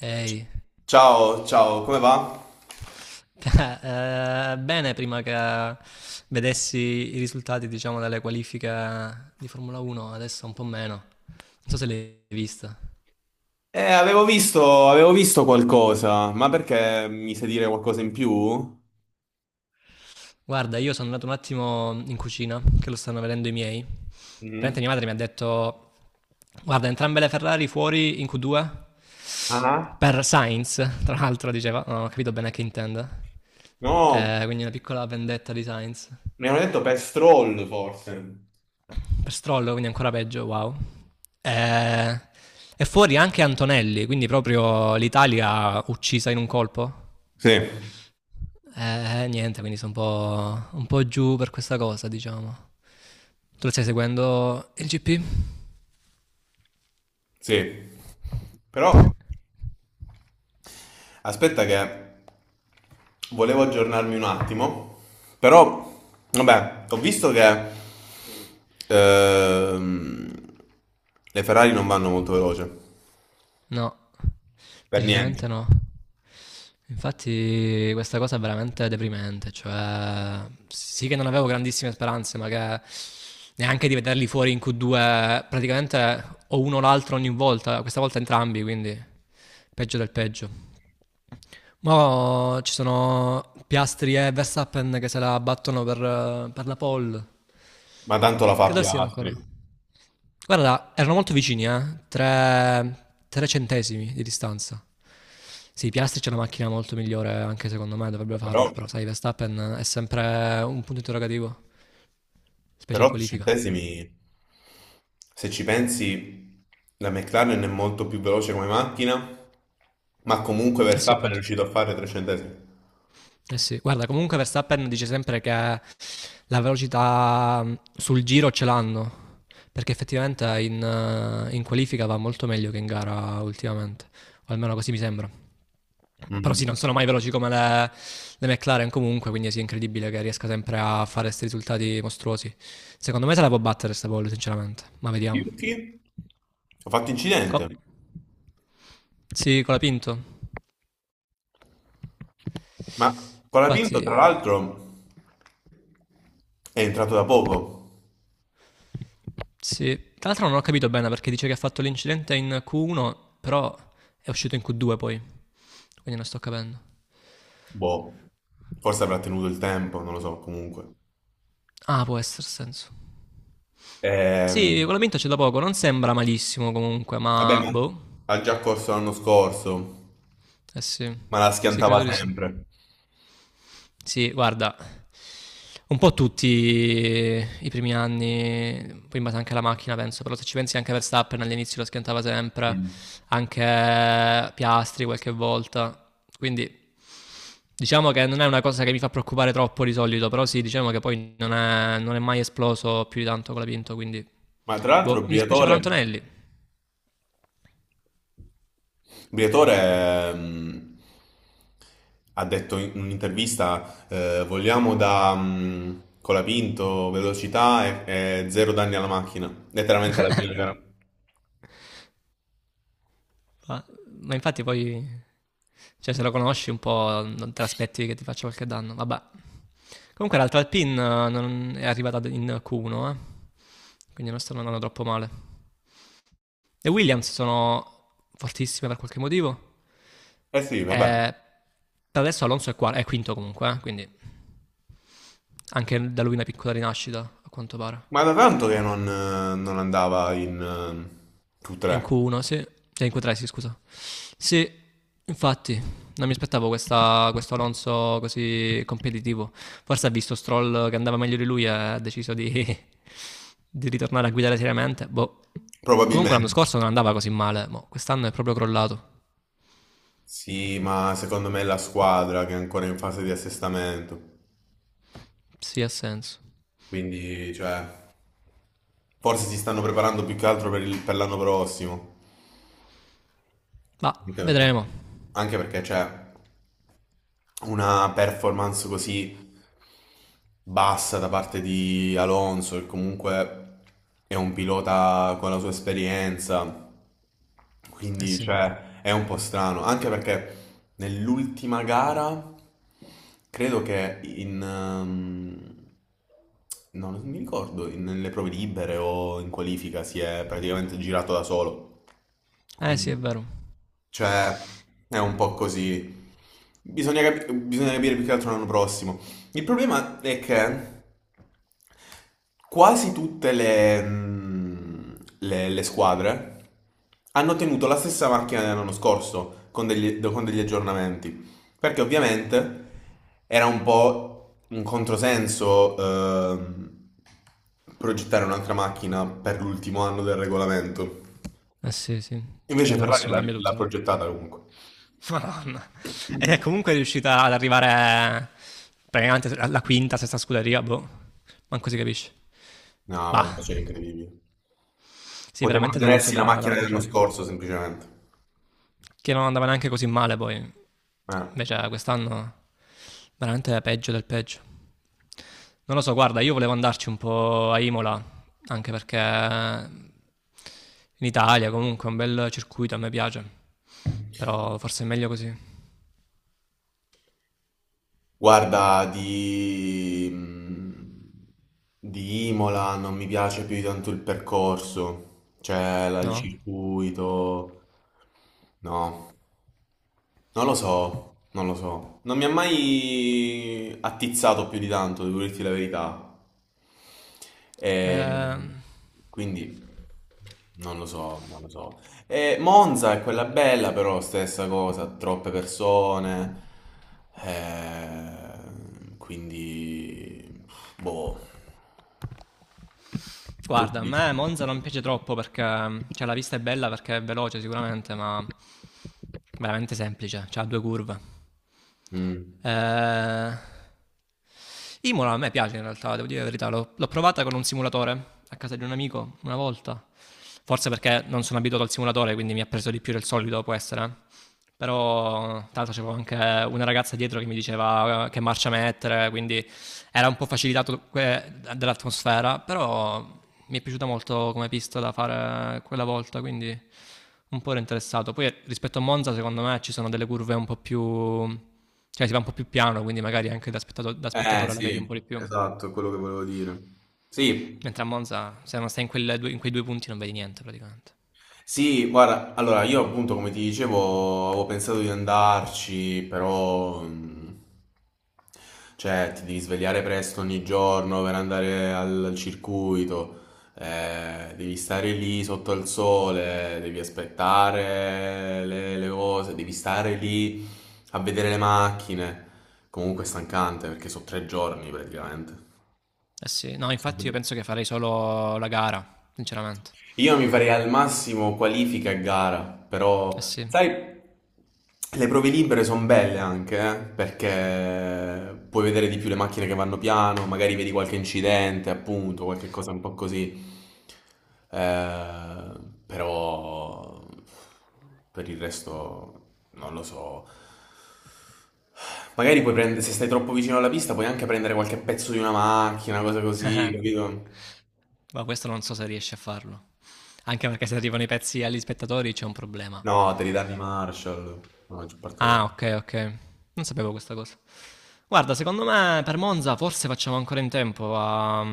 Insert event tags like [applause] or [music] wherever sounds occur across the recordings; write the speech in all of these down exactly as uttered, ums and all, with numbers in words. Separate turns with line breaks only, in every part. Ehi,
Ciao, ciao, come va?
[laughs] eh, bene, prima che vedessi i risultati, diciamo, delle qualifiche di Formula uno, adesso un po' meno. Non so se l'hai vista.
Eh, avevo visto, avevo visto qualcosa, ma perché mi sai dire qualcosa in più?
Guarda, io sono andato un attimo in cucina, che lo stanno vedendo i miei. Praticamente
Mm.
mia madre mi ha detto, guarda, entrambe le Ferrari fuori in Q due
Ah.
per Sainz, tra l'altro diceva, non ho capito bene a che intenda.
No,
Eh, quindi una piccola vendetta di Sainz.
mi hanno detto Pestrol forse.
Per Stroll, quindi ancora peggio, wow. Eh, è fuori anche Antonelli, quindi proprio l'Italia uccisa in un colpo.
Sì,
Eh, niente, quindi sono un po', un po' giù per questa cosa, diciamo. Tu lo stai seguendo il gi pi?
sì. Però aspetta che volevo aggiornarmi un attimo, però vabbè, ho visto che ehm, le Ferrari non vanno molto veloce,
No,
per niente,
decisamente no. Infatti questa cosa è veramente deprimente, cioè sì che non avevo grandissime speranze, ma che neanche di vederli fuori in Q due, praticamente o uno o l'altro ogni volta, questa volta entrambi, quindi peggio del peggio. Ma ci sono Piastri e Verstappen che se la battono per, per la pole,
ma tanto la fa
credo siano ancora.
Piastri,
Guarda, erano molto vicini, eh? Tre, tre centesimi di distanza. Sì, Piastri c'è una macchina molto migliore, anche secondo me dovrebbe
però...
farla, però sai, Verstappen è sempre un punto interrogativo, specie
Però
in
tre
qualifica.
centesimi, se ci pensi, la McLaren è molto più veloce come macchina, ma comunque
Eh sì,
Verstappen è
appunto.
riuscito a fare tre centesimi.
Eh sì, guarda, comunque Verstappen dice sempre che la velocità mh, sul giro ce l'hanno, perché effettivamente in, eh, in qualifica va molto meglio che in gara ultimamente, o almeno così mi sembra. Però sì,
Mm.
non sono mai veloci come le, le McLaren comunque, quindi sì, è incredibile che riesca sempre a fare questi risultati mostruosi. Secondo me se la può battere sta Paul, sinceramente, ma vediamo.
Yuki ha fatto
Co-
incidente,
sì, con la Pinto.
ma
Infatti.
Colapinto tra l'altro è entrato da poco,
Sì, tra l'altro non ho capito bene perché dice che ha fatto l'incidente in Q uno, però è uscito in Q due poi, quindi non sto capendo.
boh, forse avrà tenuto il tempo, non lo so, comunque.
Ah, può essere senso. Sì,
Ehm,
con la vinta c'è da poco, non sembra malissimo comunque,
Vabbè,
ma
ma
boh.
ha già corso l'anno scorso,
Eh sì,
ma la
sì, credo
schiantava
di sì.
sempre.
Sì, guarda, un po' tutti i primi anni, poi in base anche alla macchina penso, però se ci pensi anche Verstappen all'inizio lo schiantava sempre,
Mm.
anche Piastri qualche volta, quindi diciamo che non è una cosa che mi fa preoccupare troppo di solito, però sì, diciamo che poi non è, non è mai esploso più di tanto con la Pinto, quindi.
Ma tra l'altro
Boh, mi dispiace per
Briatore...
Antonelli,
Il direttore ehm, ha detto in un'intervista, eh, vogliamo da mm, colapinto, velocità e, e zero danni alla macchina. Letteralmente alla fine era-
ma, ma infatti poi, cioè se lo conosci un po' non te l'aspetti che ti faccia qualche danno, vabbè. Comunque l'altra Alpine eh, non è arrivata in Q uno, eh, quindi non stanno andando troppo male. Le Williams sono fortissime per qualche motivo,
Eh sì, vabbè.
e per adesso Alonso è, qua- è quinto comunque, eh, quindi anche da lui una piccola rinascita a quanto pare.
Ma da tanto che non, eh, non andava in eh,
In
Q tre,
Q uno, sì, cioè in Q tre, sì, scusa. Sì, infatti, non mi aspettavo questa- questo Alonso così competitivo. Forse ha visto Stroll che andava meglio di lui e ha deciso di, [laughs] di ritornare a guidare seriamente. Boh. Comunque l'anno
probabilmente.
scorso non andava così male, mo quest'anno è proprio crollato.
Sì, ma secondo me è la squadra che è ancora in fase di assestamento.
Sì, ha senso.
Quindi, cioè, forse si stanno preparando più che altro per il- per l'anno prossimo.
Ma
Anche perché,
vedremo.
anche perché, cioè, una performance così bassa da parte di Alonso, che comunque è un pilota con la sua esperienza,
Eh
quindi,
sì.
cioè, è un po' strano, anche perché nell'ultima gara credo che in... ehm, no, non mi ricordo, in- nelle prove libere o in qualifica si è praticamente girato da solo.
Eh sì, è
Quindi,
vero.
cioè, è un po' così. Bisogna, capi- bisogna capire più che altro l'anno prossimo. Il problema è che quasi tutte le, mm, le- le squadre hanno tenuto la stessa macchina dell'anno scorso con degli, con degli aggiornamenti, perché ovviamente era un po' un controsenso ehm, progettare un'altra macchina per l'ultimo anno del regolamento.
Eh sì, sì. Che
Invece
l'anno
Ferrari
prossimo
l'ha
cambia
l'ha
tutto, no?
progettata comunque.
Madonna. Ed è
[clears throat]
comunque riuscita ad arrivare praticamente alla quinta, sesta scuderia, boh, manco si capisce.
No, vabbè,
Bah,
c'è incredibile.
sì,
Potevano
veramente deluso
tenersi la
da-
macchina
dalla
dell'anno
Ferrari,
scorso semplicemente.
che non andava neanche così male poi,
Eh.
invece quest'anno veramente peggio del peggio. Non lo so, guarda, io volevo andarci un po' a Imola, anche perché in Italia comunque è un bel circuito, a me piace, però forse è meglio così,
Guarda, di, mh, di Imola non mi piace più di tanto il percorso, cioè la- il
no?
circuito, no, non lo so, non lo so, non mi ha mai attizzato più di tanto, devo dirti la verità, e
Ehm,
quindi non lo so, non lo so. E Monza è quella bella, però stessa cosa, troppe persone, eh, quindi, boh, tu che
guarda, a
dici?
me Monza non piace troppo perché cioè, la pista è bella perché è veloce sicuramente, ma veramente semplice, cioè, ha due curve.
Mm.
Eh, Imola a me piace in realtà, devo dire la verità, l'ho, l'ho provata con un simulatore a casa di un amico una volta, forse perché non sono abituato al simulatore, quindi mi ha preso di più del solito, può essere, eh. Però tra l'altro c'avevo anche una ragazza dietro che mi diceva eh, che marcia mettere, quindi era un po' facilitato que- dall'atmosfera, però mi è piaciuta molto come pista da fare quella volta, quindi un po' ero interessato. Poi rispetto a Monza, secondo me ci sono delle curve un po' più, cioè si va un po' più piano, quindi magari anche da, spettato- da
Eh
spettatore la vedi un
sì,
po' di più.
esatto, è quello che volevo dire. Sì.
Mentre a Monza, se non stai in, quelle due- in quei due punti, non vedi niente praticamente.
Sì, guarda, allora io appunto come ti dicevo avevo pensato di andarci, però mh, cioè ti devi svegliare presto ogni giorno per andare al, al circuito, eh, devi stare lì sotto al sole, devi aspettare le, le cose, devi stare lì a vedere le macchine. Comunque è stancante perché sono tre giorni praticamente.
Eh sì, no, infatti io penso che farei solo la gara, sinceramente.
Io mi farei al massimo qualifica e gara, però
Eh sì.
sai, le prove libere sono belle anche, eh, perché puoi vedere di più le macchine che vanno piano, magari vedi qualche incidente, appunto, qualche cosa un po' così. Eh, però per il resto non lo so. Magari puoi prendere, se stai troppo vicino alla pista, puoi anche prendere qualche pezzo di una macchina, cosa così,
[laughs]
capito?
Ma questo non so se riesci a farlo. Anche perché se arrivano i pezzi agli spettatori c'è un problema.
No, devi darmi Marshall. La maggior parte delle
Ah,
volte.
ok, ok. Non sapevo questa cosa. Guarda, secondo me per Monza forse facciamo ancora in tempo a,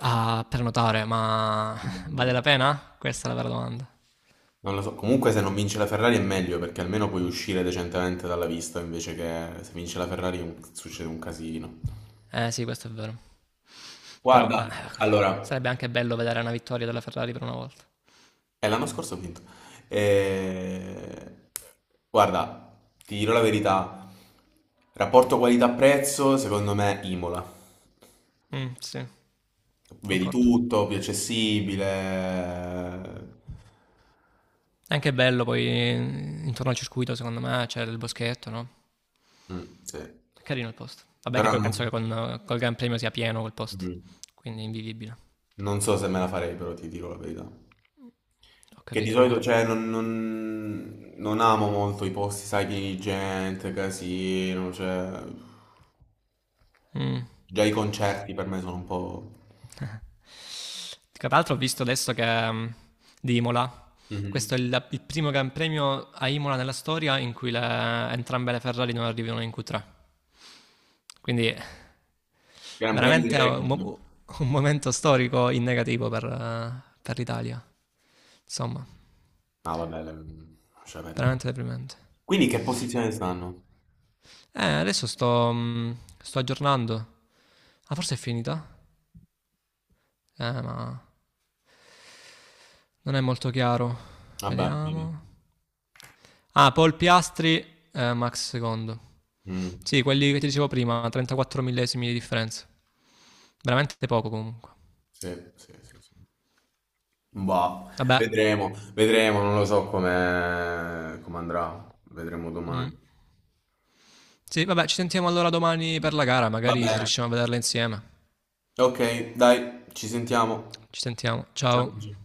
a prenotare, ma [laughs] vale
Non
la pena? Questa è la vera domanda.
non lo so. Comunque, se non vince la Ferrari è meglio perché almeno puoi uscire decentemente dalla vista invece che se vince la Ferrari un- succede un casino.
Eh sì, questo è vero. Però
Guarda,
eh,
allora,
sarebbe anche bello vedere una vittoria della Ferrari per una volta.
è l'anno scorso ho vinto. Eh, Guarda, ti dirò la verità. Rapporto qualità-prezzo, secondo me, Imola.
Mm, sì,
Vedi
concordo.
tutto, più accessibile.
È anche bello poi intorno al circuito, secondo me, c'è il boschetto, no?
Mm, sì.
È carino il posto. Vabbè che
Però
poi
non... so.
penso che con, col Gran Premio sia pieno quel posto,
Mm.
quindi è invivibile.
Non so se me la farei, però ti dico la verità.
Ho
Che di
capito, ho
solito,
capito.
cioè, non, non- non amo molto i posti, sai, pieni di gente, casino, cioè...
Mm.
Già i concerti per me sono un po'...
Tra l'altro ho visto adesso che mm, di Imola,
Mhm.
questo è il, il primo Gran Premio a Imola nella storia in cui le- entrambe le Ferrari non arrivano in Q tre. Quindi
Gran Premio di
veramente è un,
record.
mo- un momento storico in negativo per, eh, per l'Italia. Insomma,
No, vabbè, le- lascia perdere.
veramente deprimente.
Quindi che posizione stanno?
Eh, adesso sto, mm, sto aggiornando. Ah, forse è finita? Eh, ma non è molto chiaro.
Vabbè, vabbè.
Vediamo. Ah, Paul Piastri, eh, Max secondo.
Mm,
Sì, quelli che ti dicevo prima, trentaquattro millesimi di differenza. Veramente poco comunque.
sì, sì, sì, sì. Boh,
Vabbè.
vedremo, vedremo, non lo so come come andrà. Vedremo
Mm.
domani.
Sì, vabbè, ci sentiamo allora domani per la gara,
Va
magari se
bene.
riusciamo a vederla insieme.
Ok, dai, ci sentiamo.
Ci sentiamo.
Ciao.
Ciao.
Gigi.